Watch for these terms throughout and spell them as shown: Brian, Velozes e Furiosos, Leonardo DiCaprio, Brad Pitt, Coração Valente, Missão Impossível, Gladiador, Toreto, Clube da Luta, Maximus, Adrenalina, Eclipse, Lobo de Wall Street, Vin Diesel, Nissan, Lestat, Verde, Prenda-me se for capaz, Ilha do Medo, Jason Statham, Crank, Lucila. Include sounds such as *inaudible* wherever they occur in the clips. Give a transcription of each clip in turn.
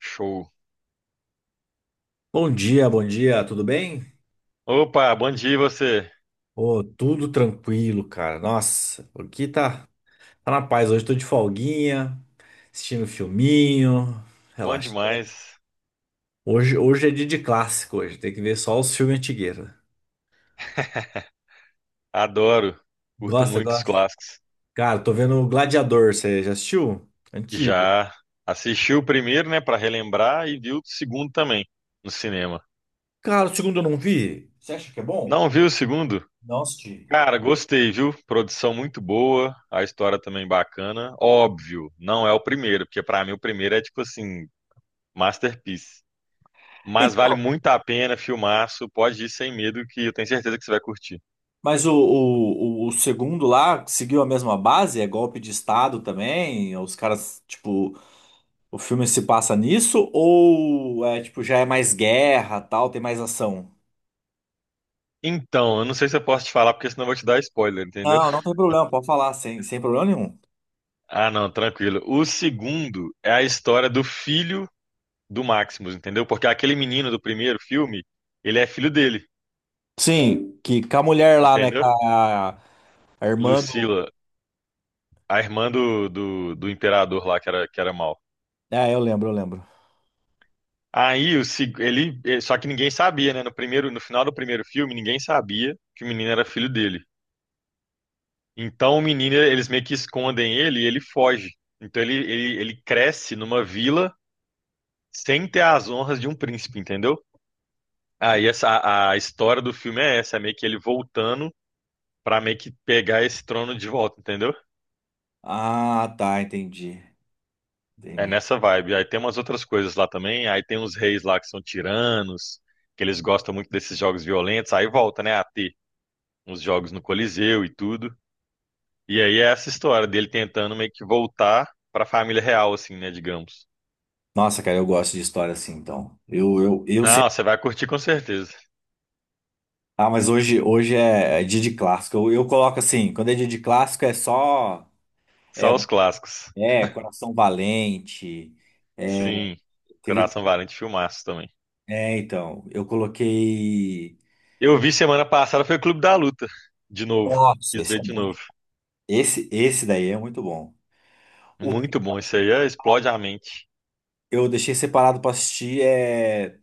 Show. Bom dia, tudo bem? Opa, bom dia e você. Ô, tudo tranquilo, cara. Nossa, aqui tá, tá na paz. Hoje tô de folguinha, assistindo um filminho, Bom relaxando. demais. Hoje é dia de clássico, hoje. Tem que ver só os filmes antigueiros. *laughs* Adoro. Curto Gosta, muito os gosta? clássicos. Cara, tô vendo o Gladiador, você já assistiu? Antigo. Já assisti o primeiro, né, pra relembrar e vi o segundo também no cinema. Cara, o segundo eu não vi. Você acha que é bom? Não viu o segundo? Não assisti. Cara, gostei, viu? Produção muito boa, a história também bacana. Óbvio, não é o primeiro, porque pra mim o primeiro é tipo assim, masterpiece. Mas vale Então, muito a pena, filmaço, pode ir sem medo que eu tenho certeza que você vai curtir. mas o segundo lá seguiu a mesma base? É golpe de estado também? Os caras, tipo, o filme se passa nisso ou é tipo já é mais guerra, tal, tem mais ação? Então, eu não sei se eu posso te falar porque senão eu vou te dar spoiler, entendeu? Não, não tem problema, pode falar sem, problema nenhum. Ah, não, tranquilo. O segundo é a história do filho do Maximus, entendeu? Porque aquele menino do primeiro filme, ele é filho dele, Sim, que com a mulher lá, né? Com entendeu? A irmã Lucila, do. a irmã do imperador lá que era mal. É, eu lembro. Aí o, só que ninguém sabia, né? No primeiro, no final do primeiro filme, ninguém sabia que o menino era filho dele. Então o menino, eles meio que escondem ele e ele foge. Então ele cresce numa vila sem ter as honras de um príncipe, entendeu? Aí essa, a história do filme é essa, é meio que ele voltando pra meio que pegar esse trono de volta, entendeu? Ah, tá, entendi. É Entendi. nessa vibe. Aí tem umas outras coisas lá também, aí tem uns reis lá que são tiranos, que eles gostam muito desses jogos violentos, aí volta, né, a ter uns jogos no Coliseu e tudo. E aí é essa história dele tentando meio que voltar pra família real, assim, né, digamos. Nossa, cara, eu gosto de história assim, então. Eu sempre. Não, você vai curtir com certeza. Ah, mas hoje é, é dia de clássico. Eu coloco assim, quando é dia de clássico é só. É, Só os clássicos. é Coração Valente. É, Sim, teve. Coração Valente, filmaço também. É, então, eu coloquei. Eu vi semana passada, foi o Clube da Luta, de novo. Nossa, Quis esse ver é de muito. novo. Esse daí é muito bom. O que Muito bom, isso aí é, explode a mente. eu deixei separado pra assistir é.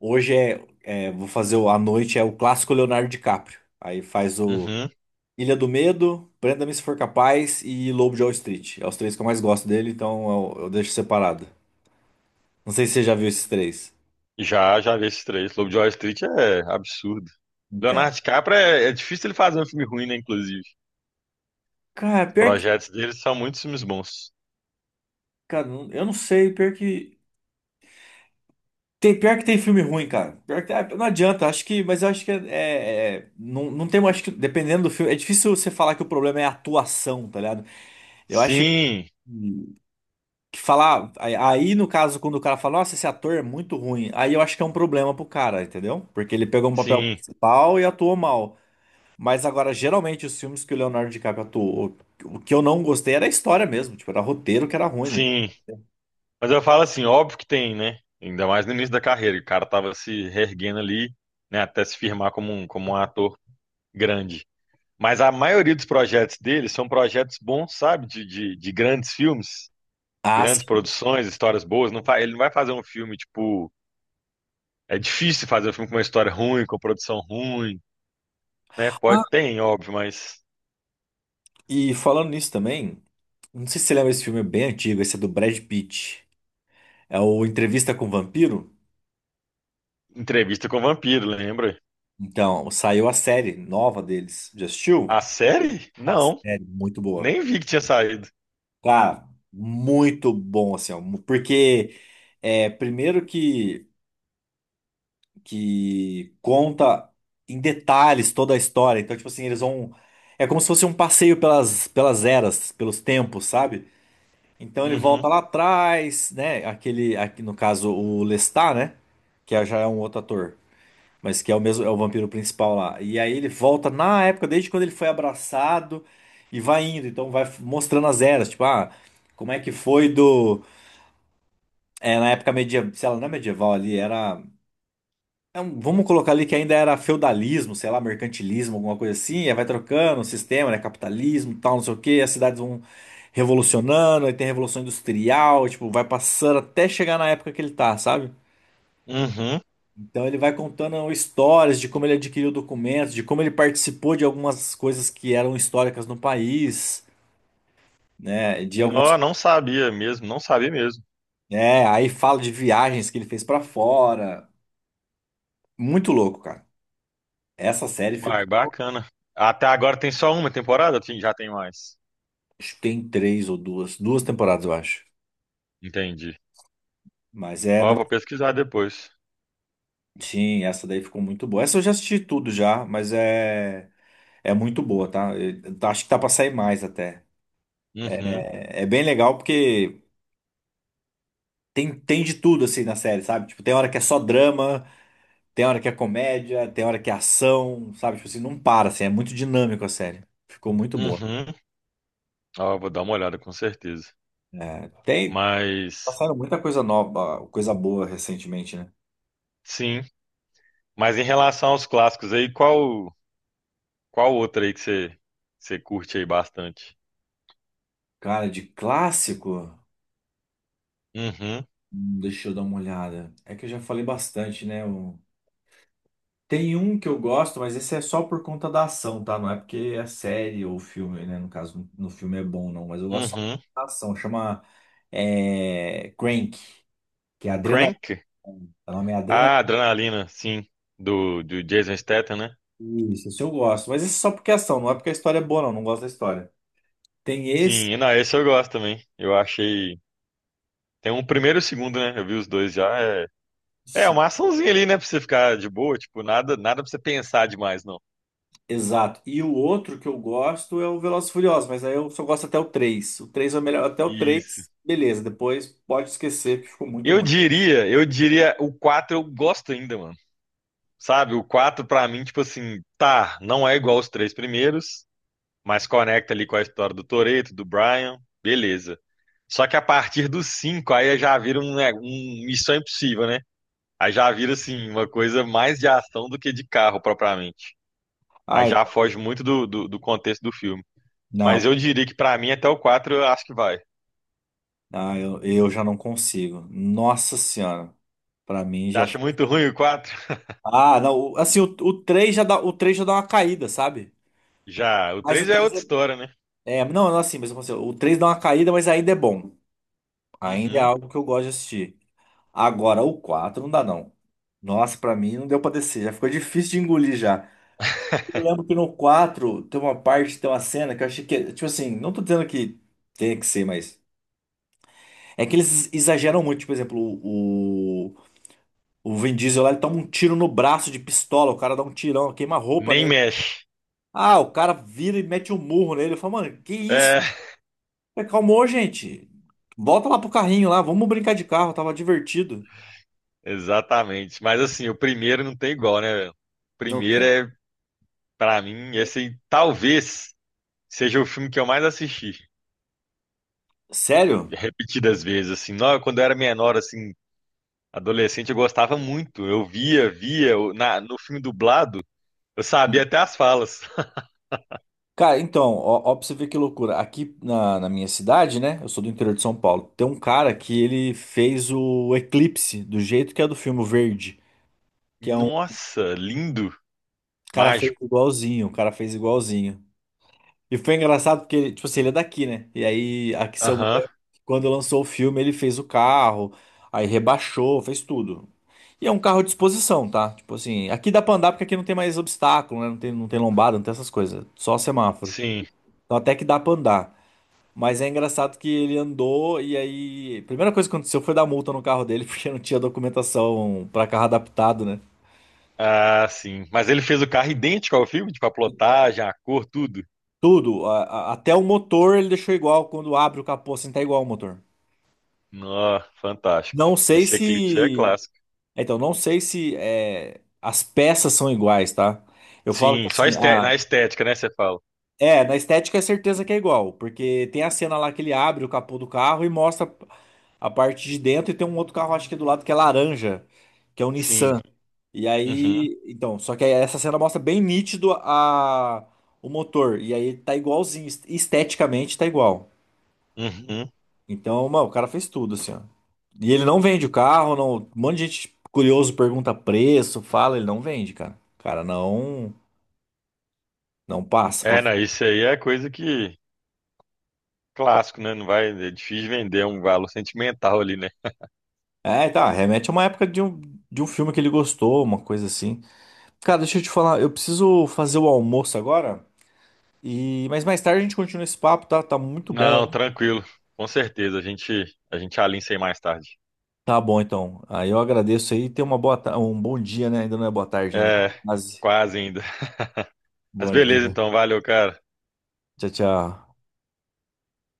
Hoje é, é, vou fazer o, à noite, é o clássico Leonardo DiCaprio. Aí faz o Uhum. Ilha do Medo, Prenda-me se for capaz e Lobo de Wall Street. É os três que eu mais gosto dele, então eu deixo separado. Não sei se você já viu esses três. Já, já vi esses três. Lobo de Wall Street é absurdo. Então. Leonardo DiCaprio é, é difícil ele fazer um filme ruim, né, inclusive. Cara, Os pior que. projetos dele são muitos filmes bons. Cara, eu não sei, pior que. Tem, pior que tem filme ruim, cara. Pior que, ah, não adianta, acho que. Mas eu acho que é. Não, não tem. Acho que, dependendo do filme. É difícil você falar que o problema é a atuação, tá ligado? Eu acho Sim, que falar. Aí, no caso, quando o cara fala, nossa, esse ator é muito ruim. Aí eu acho que é um problema pro cara, entendeu? Porque ele pegou um papel sim, principal e atuou mal. Mas agora, geralmente, os filmes que o Leonardo DiCaprio atuou, o que eu não gostei era a história mesmo. Tipo, era roteiro que era ruim, né? sim. Mas eu falo assim, óbvio que tem, né? Ainda mais no início da carreira, que o cara tava se reerguendo ali, né, até se firmar como como um ator grande. Mas a maioria dos projetos dele são projetos bons, sabe? De grandes filmes, Ah, grandes sim. produções, histórias boas. Não fa- ele não vai fazer um filme, tipo. É difícil fazer um filme com uma história ruim, com produção ruim, né? Pode, tem, óbvio, mas. E falando nisso também, não sei se você lembra, esse filme é bem antigo, esse é do Brad Pitt. É o Entrevista com o Vampiro. Entrevista com o Vampiro, lembra? Então, saiu a série nova deles. Já A assistiu? série? A Não, série, muito boa. nem vi que tinha saído. Cara, muito bom, assim, ó, porque é, primeiro que conta em detalhes toda a história. Então, tipo assim, eles vão. É como se fosse um passeio pelas eras, pelos tempos, sabe? Então ele Uhum, volta lá atrás, né? Aquele, aqui, no caso, o Lestat, né? Já é um outro ator, mas que é o mesmo, é o vampiro principal lá. E aí ele volta na época, desde quando ele foi abraçado e vai indo. Então mostrando as eras, tipo, ah, como é que foi do. É, na época medieval, sei lá, não é medieval ali, era. Vamos colocar ali que ainda era feudalismo, sei lá, mercantilismo, alguma coisa assim. Aí vai trocando o sistema, né? Capitalismo, tal, não sei o quê. As cidades vão revolucionando, aí tem a Revolução Industrial, tipo, vai passando até chegar na época que ele tá, sabe? uhum. Então ele vai contando histórias de como ele adquiriu documentos, de como ele participou de algumas coisas que eram históricas no país, né? De algumas, Não, não sabia mesmo, não sabia mesmo. é, aí fala de viagens que ele fez pra fora. Muito louco, cara. Essa série Uai, ficou, bacana. Até agora tem só uma temporada? Sim, já tem mais. acho que tem três ou duas, duas temporadas, eu acho. Entendi. Mas é, Ó, vou pesquisar depois. sim, essa daí ficou muito boa. Essa eu já assisti tudo já, mas é é muito boa, tá? Eu acho que tá pra sair mais até. Uhum. É é bem legal porque tem, tem de tudo assim na série, sabe? Tipo, tem hora que é só drama, tem hora que é comédia, tem hora que é ação, sabe? Tipo assim, não para, assim, é muito dinâmico a série. Ficou muito boa. Uhum. Ó, vou dar uma olhada com certeza. É, tem, Mas passaram muita coisa nova, coisa boa recentemente, né? sim. Mas em relação aos clássicos aí, qual qual outra aí que você curte aí bastante? Cara, de clássico, Uhum. Deixa eu dar uma olhada. É que eu já falei bastante, né? Tem um que eu gosto, mas esse é só por conta da ação, tá? Não é porque é série ou filme, né? No caso, no filme é bom, não. Mas eu gosto só por Uhum. conta da ação. Chama é, Crank, que é Adrenalina. Crank? O nome é Adrenalina. Ah, Adrenalina, sim, do Jason Statham, né? Isso, esse eu gosto. Mas esse é só porque é ação, não é porque a história é boa, não. Não gosto da história. Tem esse. Sim, e não, esse eu gosto também. Eu achei tem um primeiro e o segundo, né? Eu vi os dois já. É, é esse- uma açãozinha ali, né, pra você ficar de boa, tipo, nada nada pra você pensar demais, não. Exato. E o outro que eu gosto é o Velozes e Furiosos, mas aí eu só gosto até o três. O 3 é o melhor. Até o Isso. 3 beleza. Depois pode esquecer, que ficou muito ruim. Eu diria o 4 eu gosto ainda, mano. Sabe, o 4 pra mim, tipo assim, tá, não é igual os três primeiros, mas conecta ali com a história do Toreto, do Brian, beleza. Só que a partir do 5 aí já vira um, né, um Missão Impossível, né? Aí já vira, assim, uma coisa mais de ação do que de carro, propriamente. Aí Ah, já então. foge muito do contexto do filme. Mas Não. eu diria que pra mim, até o 4 eu acho que vai. Ah, eu já não consigo. Nossa Senhora. Pra mim Você já. acha muito ruim o quatro? Ah, não. Assim, o três já dá, o 3 já dá uma caída, sabe? Já. O Mas o três é 3 outra história, né? é. É, não, não assim, mas eu consigo. O 3 dá uma caída, mas ainda é bom. Ainda é Uhum. algo que eu gosto de assistir. Agora, o 4 não dá, não. Nossa, pra mim não deu pra descer. Já ficou difícil de engolir já. Eu *laughs* lembro que no 4 tem uma parte, tem uma cena que eu achei que. Tipo assim, não tô dizendo que tem que ser, mas. É que eles exageram muito. Tipo, por exemplo, o. O Vin Diesel lá, ele toma um tiro no braço de pistola, o cara dá um tirão, queima a roupa Nem nele. mexe. Ah, o cara vira e mete um murro nele. Ele fala, mano, que isso? É... Acalmou, gente. Volta lá pro carrinho lá, vamos brincar de carro, tava divertido. Exatamente. Mas assim, o primeiro não tem igual, né, velho? O Não primeiro tem. é, pra mim, esse aí, talvez seja o filme que eu mais assisti, Sério? repetidas vezes, assim. Não, quando eu era menor, assim, adolescente, eu gostava muito. Eu via, via, eu- na, no filme dublado, eu sabia até as falas. *laughs* Cara, então, ó, ó pra você ver que loucura. Aqui na minha cidade, né? Eu sou do interior de São Paulo. Tem um cara que ele fez o Eclipse, do jeito que é do filme, o Verde. Que é um o Nossa, lindo, cara fez mágico. igualzinho, o cara fez igualzinho. E foi engraçado porque, ele, tipo assim, ele é daqui, né? E aí, aqui, seu, Aham, quando lançou o filme, ele fez o carro, aí rebaixou, fez tudo. E é um carro de exposição, tá? Tipo assim, aqui dá pra andar porque aqui não tem mais obstáculo, né? Não tem, não tem lombada, não tem essas coisas. Só semáforo. sim. Então até que dá pra andar. Mas é engraçado que ele andou e aí. A primeira coisa que aconteceu foi dar multa no carro dele, *laughs* porque não tinha documentação pra carro adaptado, né? Ah, sim. Mas ele fez o carro idêntico ao filme, tipo a plotagem, a cor, tudo. Tudo. Até o motor ele deixou igual. Quando abre o capô, assim, tá igual o motor. Nó, fantástico. Não sei Esse Eclipse é se. clássico. Então, não sei se é, as peças são iguais, tá? Eu falo que Sim, só assim, este- na estética, né, você fala. é, na estética é certeza que é igual, porque tem a cena lá que ele abre o capô do carro e mostra a parte de dentro e tem um outro carro, acho que é do lado, que é laranja, que é o Sim. Nissan. E Uhum, aí, então, só que aí essa cena mostra bem nítido a, o motor, e aí tá igualzinho, esteticamente tá igual. uhum. Então, mano, o cara fez tudo, assim, ó. E ele não vende o carro, não. Um monte de gente curioso pergunta preço, fala, ele não vende, cara. O cara não, não passa pra... É, não, isso aí é coisa que clássico, né? Não vai, é difícil vender um valor sentimental ali, né? É, tá, remete a uma época de um filme que ele gostou, uma coisa assim. Cara, deixa eu te falar, eu preciso fazer o almoço agora, e mas mais tarde a gente continua esse papo, tá? Tá muito bom, Não, hein? tranquilo. Com certeza, a gente alinha isso aí mais tarde. Tá bom, então. Aí eu agradeço aí, e tenha uma boa, um bom dia, né? Ainda não é boa tarde ainda, tá É, quase. quase ainda. Mas Bom dia. beleza então, valeu, cara. Tchau, tchau.